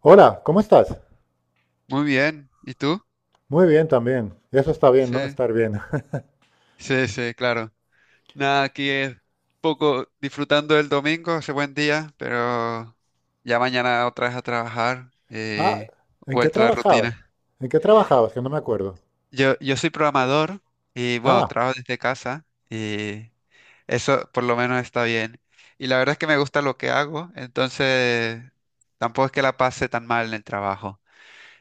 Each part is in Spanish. Hola, ¿cómo estás? Muy bien. ¿Y tú? Muy bien también. Eso está bien, ¿no? Sí, Estar bien. sí, sí, claro. Nada, aquí es poco disfrutando del domingo, hace buen día, pero ya mañana otra vez a trabajar Ah, y ¿en qué vuelta a la trabajabas? rutina. ¿En qué trabajabas? Que no me acuerdo. Yo soy programador y bueno, Ah, trabajo desde casa y eso por lo menos está bien. Y la verdad es que me gusta lo que hago, entonces tampoco es que la pase tan mal en el trabajo.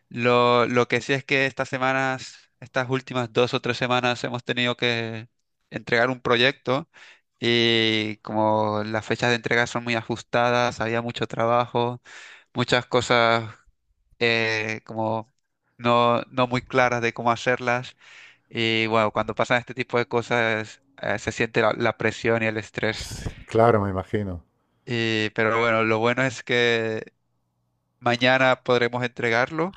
Lo que sí es que estas semanas, estas últimas dos o tres semanas hemos tenido que entregar un proyecto y como las fechas de entrega son muy ajustadas, había mucho trabajo, muchas cosas como no muy claras de cómo hacerlas. Y bueno, cuando pasan este tipo de cosas se siente la presión y el estrés. sí, claro, me imagino. Pero bueno, lo bueno es que mañana podremos entregarlo,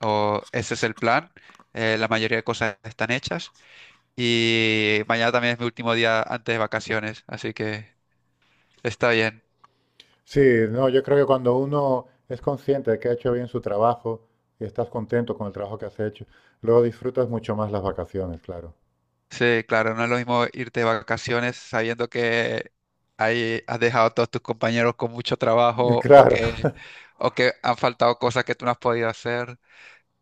o ese es el plan. La mayoría de cosas están hechas y mañana también es mi último día antes de vacaciones, así que está bien. Sí, no, yo creo que cuando uno es consciente de que ha hecho bien su trabajo y estás contento con el trabajo que has hecho, luego disfrutas mucho más las vacaciones, claro. Sí, claro, no es lo mismo irte de vacaciones sabiendo que ahí has dejado a todos tus compañeros con mucho Y trabajo claro, o que han faltado cosas que tú no has podido hacer.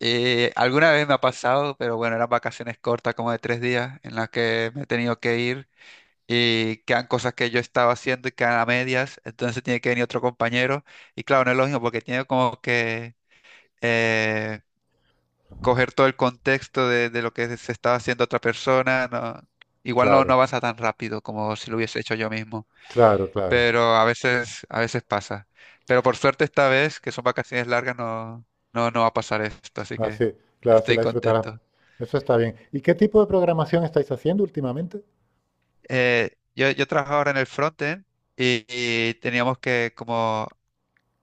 Y alguna vez me ha pasado, pero bueno, eran vacaciones cortas, como de 3 días, en las que me he tenido que ir, y quedan cosas que yo estaba haciendo y quedan a medias, entonces tiene que venir otro compañero y claro, no es lo mismo porque tiene como que eh, coger todo el contexto de lo que se estaba haciendo otra persona, no, igual no claro, avanza tan rápido como si lo hubiese hecho yo mismo, claro, claro. pero a veces pasa. Pero por suerte esta vez, que son vacaciones largas, no va a pasar esto, así que Así, claro, así estoy la disfrutarás. contento. Eso está bien. ¿Y qué tipo de programación estáis haciendo últimamente? Yo trabajo ahora en el frontend y teníamos que como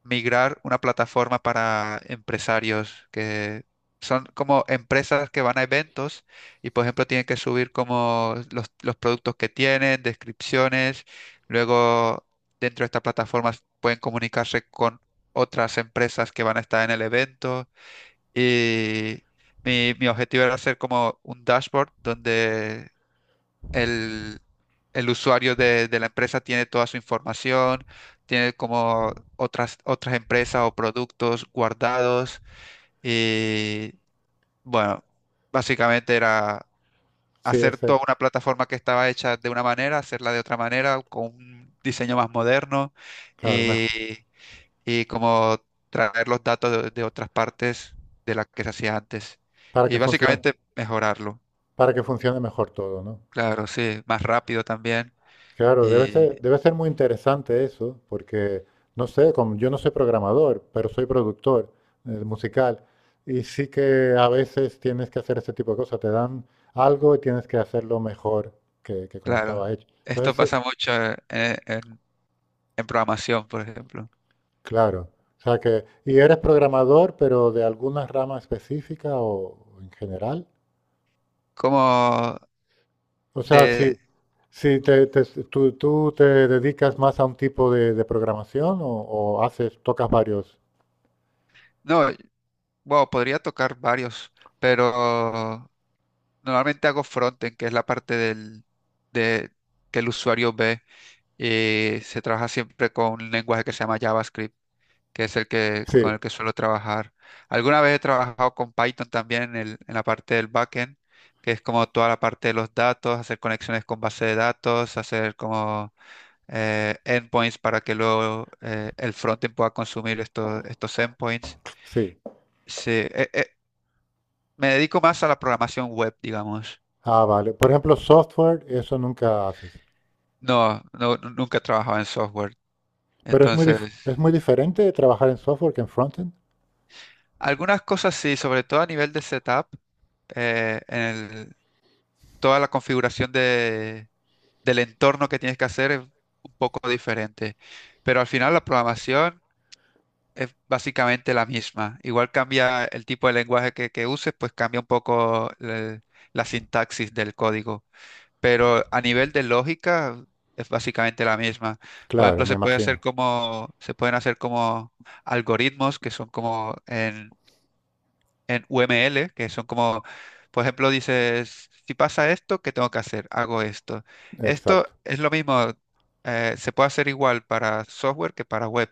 migrar una plataforma para empresarios que son como empresas que van a eventos y, por ejemplo, tienen que subir como los productos que tienen, descripciones. Luego, dentro de esta plataforma pueden comunicarse con otras empresas que van a estar en el evento. Y mi objetivo era hacer como un dashboard donde el, el usuario de la empresa tiene toda su información, tiene como otras empresas o productos guardados y bueno, básicamente era Sí, hacer ese, toda una plataforma que estaba hecha de una manera, hacerla de otra manera, con un diseño más moderno claro, y, mejor. y como traer los datos de otras partes de las que se hacía antes Para y que funcione. básicamente mejorarlo. Para que funcione mejor todo, ¿no? Claro, sí, más rápido también. Claro, debe Y ser, debe ser muy interesante eso, porque, no sé, como yo no soy programador, pero soy productor musical, y sí que a veces tienes que hacer ese tipo de cosas, te dan algo y tienes que hacerlo mejor que como claro, estaba hecho. esto Entonces, pasa mucho eh, en, en programación, por ejemplo. claro, o sea que, ¿y eres programador, pero de alguna rama específica o en general? Como O sea, de, sí, sí, tú te dedicas más a un tipo de programación o haces, tocas varios. no, bueno, podría tocar varios, pero normalmente hago frontend, que es la parte del, de, que el usuario ve, y se trabaja siempre con un lenguaje que se llama JavaScript, que es el que, con Sí, el que suelo trabajar. Alguna vez he trabajado con Python también en la parte del backend, que es como toda la parte de los datos, hacer conexiones con base de datos, hacer como endpoints para que luego el frontend pueda consumir estos endpoints. sí. Sí, me dedico más a la programación web, digamos. Ah, vale. Por ejemplo, software, eso nunca haces. Nunca he trabajado en software. Pero es muy Entonces, es muy diferente trabajar en software que en frontend. algunas cosas sí, sobre todo a nivel de setup, eh, en el- toda la configuración del entorno que tienes que hacer es un poco diferente. Pero al final la programación es básicamente la misma. Igual cambia el tipo de lenguaje que uses, pues cambia un poco la sintaxis del código. Pero a nivel de lógica es básicamente la misma. Por ejemplo, Claro, me se puede hacer imagino. como, se pueden hacer como algoritmos que son como en UML, que son como, por ejemplo, dices, si pasa esto, ¿qué tengo que hacer? Hago esto. Esto Exacto. es lo mismo, se puede hacer igual para software que para web.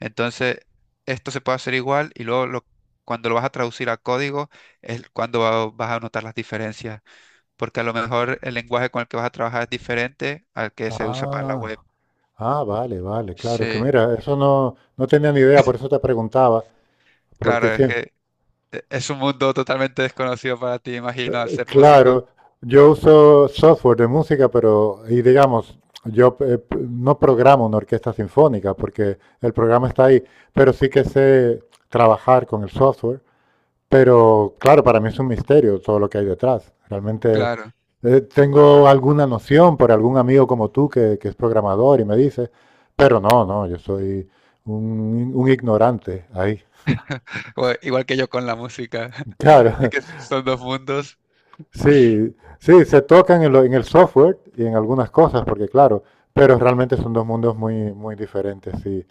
Entonces, esto se puede hacer igual y luego cuando lo vas a traducir a código es cuando vas a notar las diferencias, porque a lo mejor el lenguaje con el que vas a trabajar es diferente al que se usa para la web. Ah, ah, vale, vale, claro. Es que Sí, mira, eso no, no tenía ni idea, por eso te preguntaba, claro, porque sí. es que es un mundo totalmente desconocido para ti, imagino, al ser músico. Claro, yo uso software de música, pero, y digamos, yo no programo una orquesta sinfónica porque el programa está ahí, pero sí que sé trabajar con el software. Pero claro, para mí es un misterio todo lo que hay detrás. Realmente Claro. Tengo alguna noción por algún amigo como tú que es programador y me dice, pero no, no, yo soy un ignorante ahí. O igual que yo con la música. Es Claro, que son dos mundos. sí, sí, se tocan en, en el software y en algunas cosas, porque claro, pero realmente son dos mundos muy, muy diferentes, sí.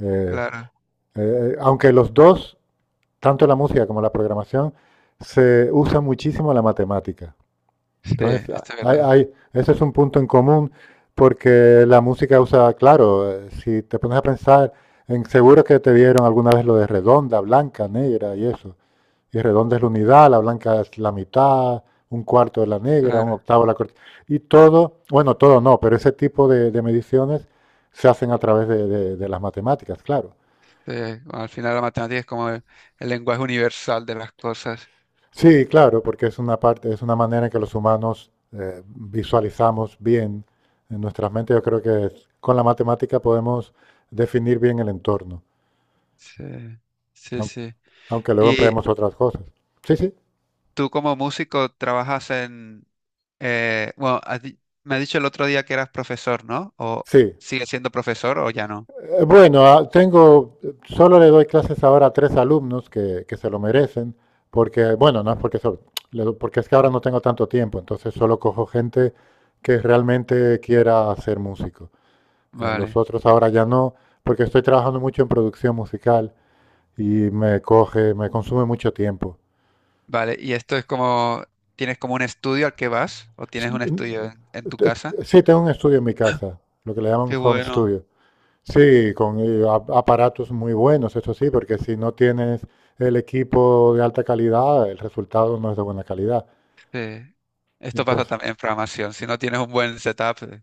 Eh, Claro. Aunque los dos, tanto la música como la programación, se usa muchísimo la matemática. Sí, Entonces, esto es verdad. Ese es un punto en común, porque la música usa, claro, si te pones a pensar, en, seguro que te vieron alguna vez lo de redonda, blanca, negra y eso. Y redonda es la unidad, la blanca es la mitad, un cuarto de la negra, un Claro. octavo de la corta. Y todo, bueno, todo no, pero ese tipo de mediciones se hacen a través de las matemáticas, claro. Sí, bueno, al final la matemática es como el lenguaje universal de las cosas. Sí, claro, porque es una parte, es una manera en que los humanos visualizamos bien en nuestras mentes. Yo creo que con la matemática podemos definir bien el entorno, Sí, sí, aun- sí. aunque luego Y empleemos otras cosas. Sí, sí, tú como músico trabajas en... bueno, me has dicho el otro día que eras profesor, ¿no? ¿O sí. sigues siendo profesor o ya no? Bueno, tengo, solo le doy clases ahora a tres alumnos que se lo merecen, porque, bueno, no es porque, porque es que ahora no tengo tanto tiempo, entonces solo cojo gente que realmente quiera ser músico. Los Vale, otros ahora ya no, porque estoy trabajando mucho en producción musical y me coge, me consume mucho tiempo. vale. ¿Y esto es como... ¿Tienes como un estudio al que vas? ¿O S- tienes un estudio n- en tu te- casa? Sí, tengo un estudio en mi casa, lo que le llaman Qué home bueno. studio. Sí, con aparatos muy buenos, eso sí, porque si no tienes el equipo de alta calidad, el resultado no es de buena calidad. Sí. Y Esto pasa entonces, también en programación. Si no tienes un buen setup,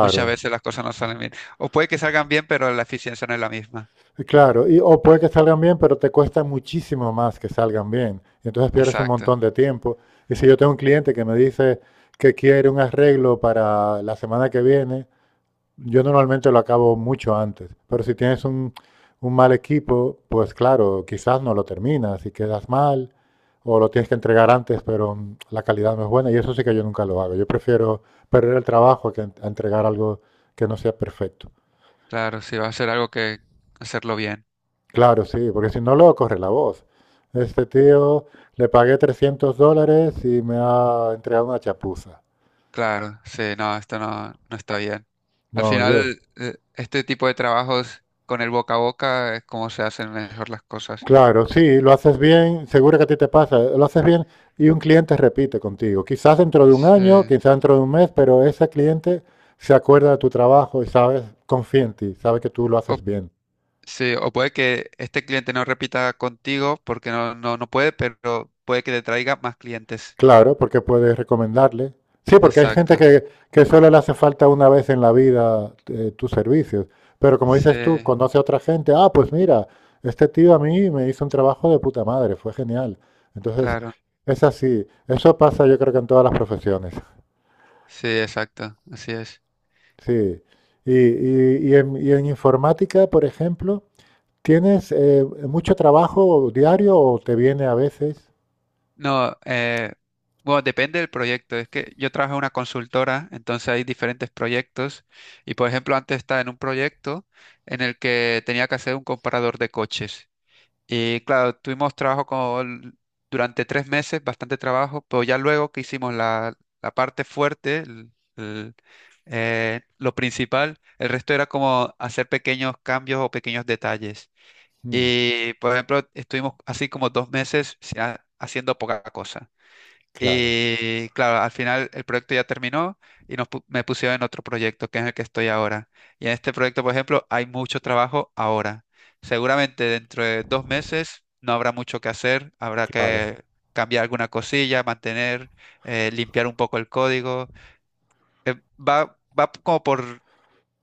muchas veces las cosas no salen bien. O puede que salgan bien, pero la eficiencia no es la misma. y claro, y, o puede que salgan bien, pero te cuesta muchísimo más que salgan bien. Y entonces pierdes un Exacto. montón de tiempo. Y si yo tengo un cliente que me dice que quiere un arreglo para la semana que viene, yo normalmente lo acabo mucho antes, pero si tienes un mal equipo, pues claro, quizás no lo terminas y quedas mal, o lo tienes que entregar antes, pero la calidad no es buena, y eso sí que yo nunca lo hago. Yo prefiero perder el trabajo que a entregar algo que no sea perfecto. Claro, si va a ser algo que hacerlo bien. Claro, sí, porque si no, luego corre la voz. Este tío le pagué $300 y me ha entregado una chapuza. Claro, sí, no, esto no está bien. Al No, yo, final, este tipo de trabajos con el boca a boca es como se hacen mejor las cosas. claro, sí, lo haces bien, seguro que a ti te pasa, lo haces bien y un cliente repite contigo. Quizás dentro de un Sí. año, quizás dentro de un mes, pero ese cliente se acuerda de tu trabajo y sabe confía en ti, sabe que tú lo O, haces bien. sí, o puede que este cliente no repita contigo porque no puede, pero puede que te traiga más clientes. Claro, porque puedes recomendarle. Sí, porque hay gente Exacto. Que solo le hace falta una vez en la vida tus servicios, pero como dices tú, Sí. conoce a otra gente, ah, pues mira, este tío a mí me hizo un trabajo de puta madre, fue genial. Entonces, Claro, es así, eso pasa yo creo que en todas las profesiones. sí, exacto, así es. Sí. Y en informática, por ejemplo, ¿tienes mucho trabajo diario o te viene a veces? No, bueno, depende del proyecto. Es que yo trabajo en una consultora, entonces hay diferentes proyectos. Y por ejemplo, antes estaba en un proyecto en el que tenía que hacer un comparador de coches. Y claro, tuvimos trabajo con, durante 3 meses, bastante trabajo, pero ya luego que hicimos la parte fuerte, lo principal, el resto era como hacer pequeños cambios o pequeños detalles. Mm, Y, por ejemplo, estuvimos así como 2 meses haciendo poca cosa. claro, Y claro, al final el proyecto ya terminó y me pusieron en otro proyecto, que es el que estoy ahora. Y en este proyecto, por ejemplo, hay mucho trabajo ahora. Seguramente dentro de 2 meses no habrá mucho que hacer, habrá claro. que cambiar alguna cosilla, mantener, limpiar un poco el código. Va como por,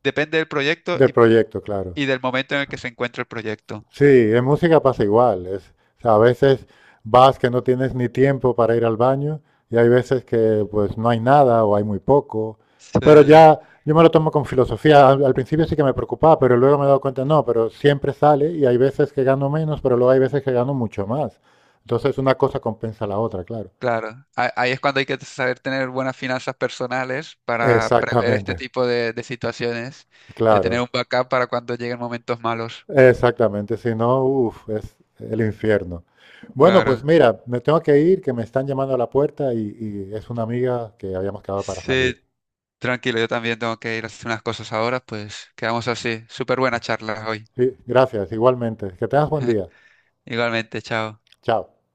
depende del proyecto Del proyecto, claro. y del momento en el que se encuentra el proyecto. Sí, en música pasa igual. Es, o sea, a veces vas que no tienes ni tiempo para ir al baño y hay veces que pues no hay nada o hay muy poco. Sí. Pero ya yo me lo tomo con filosofía. Al principio sí que me preocupaba, pero luego me he dado cuenta, no, pero siempre sale y hay veces que gano menos, pero luego hay veces que gano mucho más. Entonces una cosa compensa la otra, claro. Claro, ahí es cuando hay que saber tener buenas finanzas personales para prever este Exactamente, tipo de situaciones, de tener claro. un backup para cuando lleguen momentos malos. Exactamente, si no, uff, es el infierno. Bueno, pues Claro. mira, me tengo que ir, que me están llamando a la puerta y es una amiga que habíamos quedado para Sí, salir. tranquilo, yo también tengo que ir a hacer unas cosas ahora, pues quedamos así. Súper buena charla hoy. Sí, gracias, igualmente. Que tengas buen día. Igualmente, chao. Chao.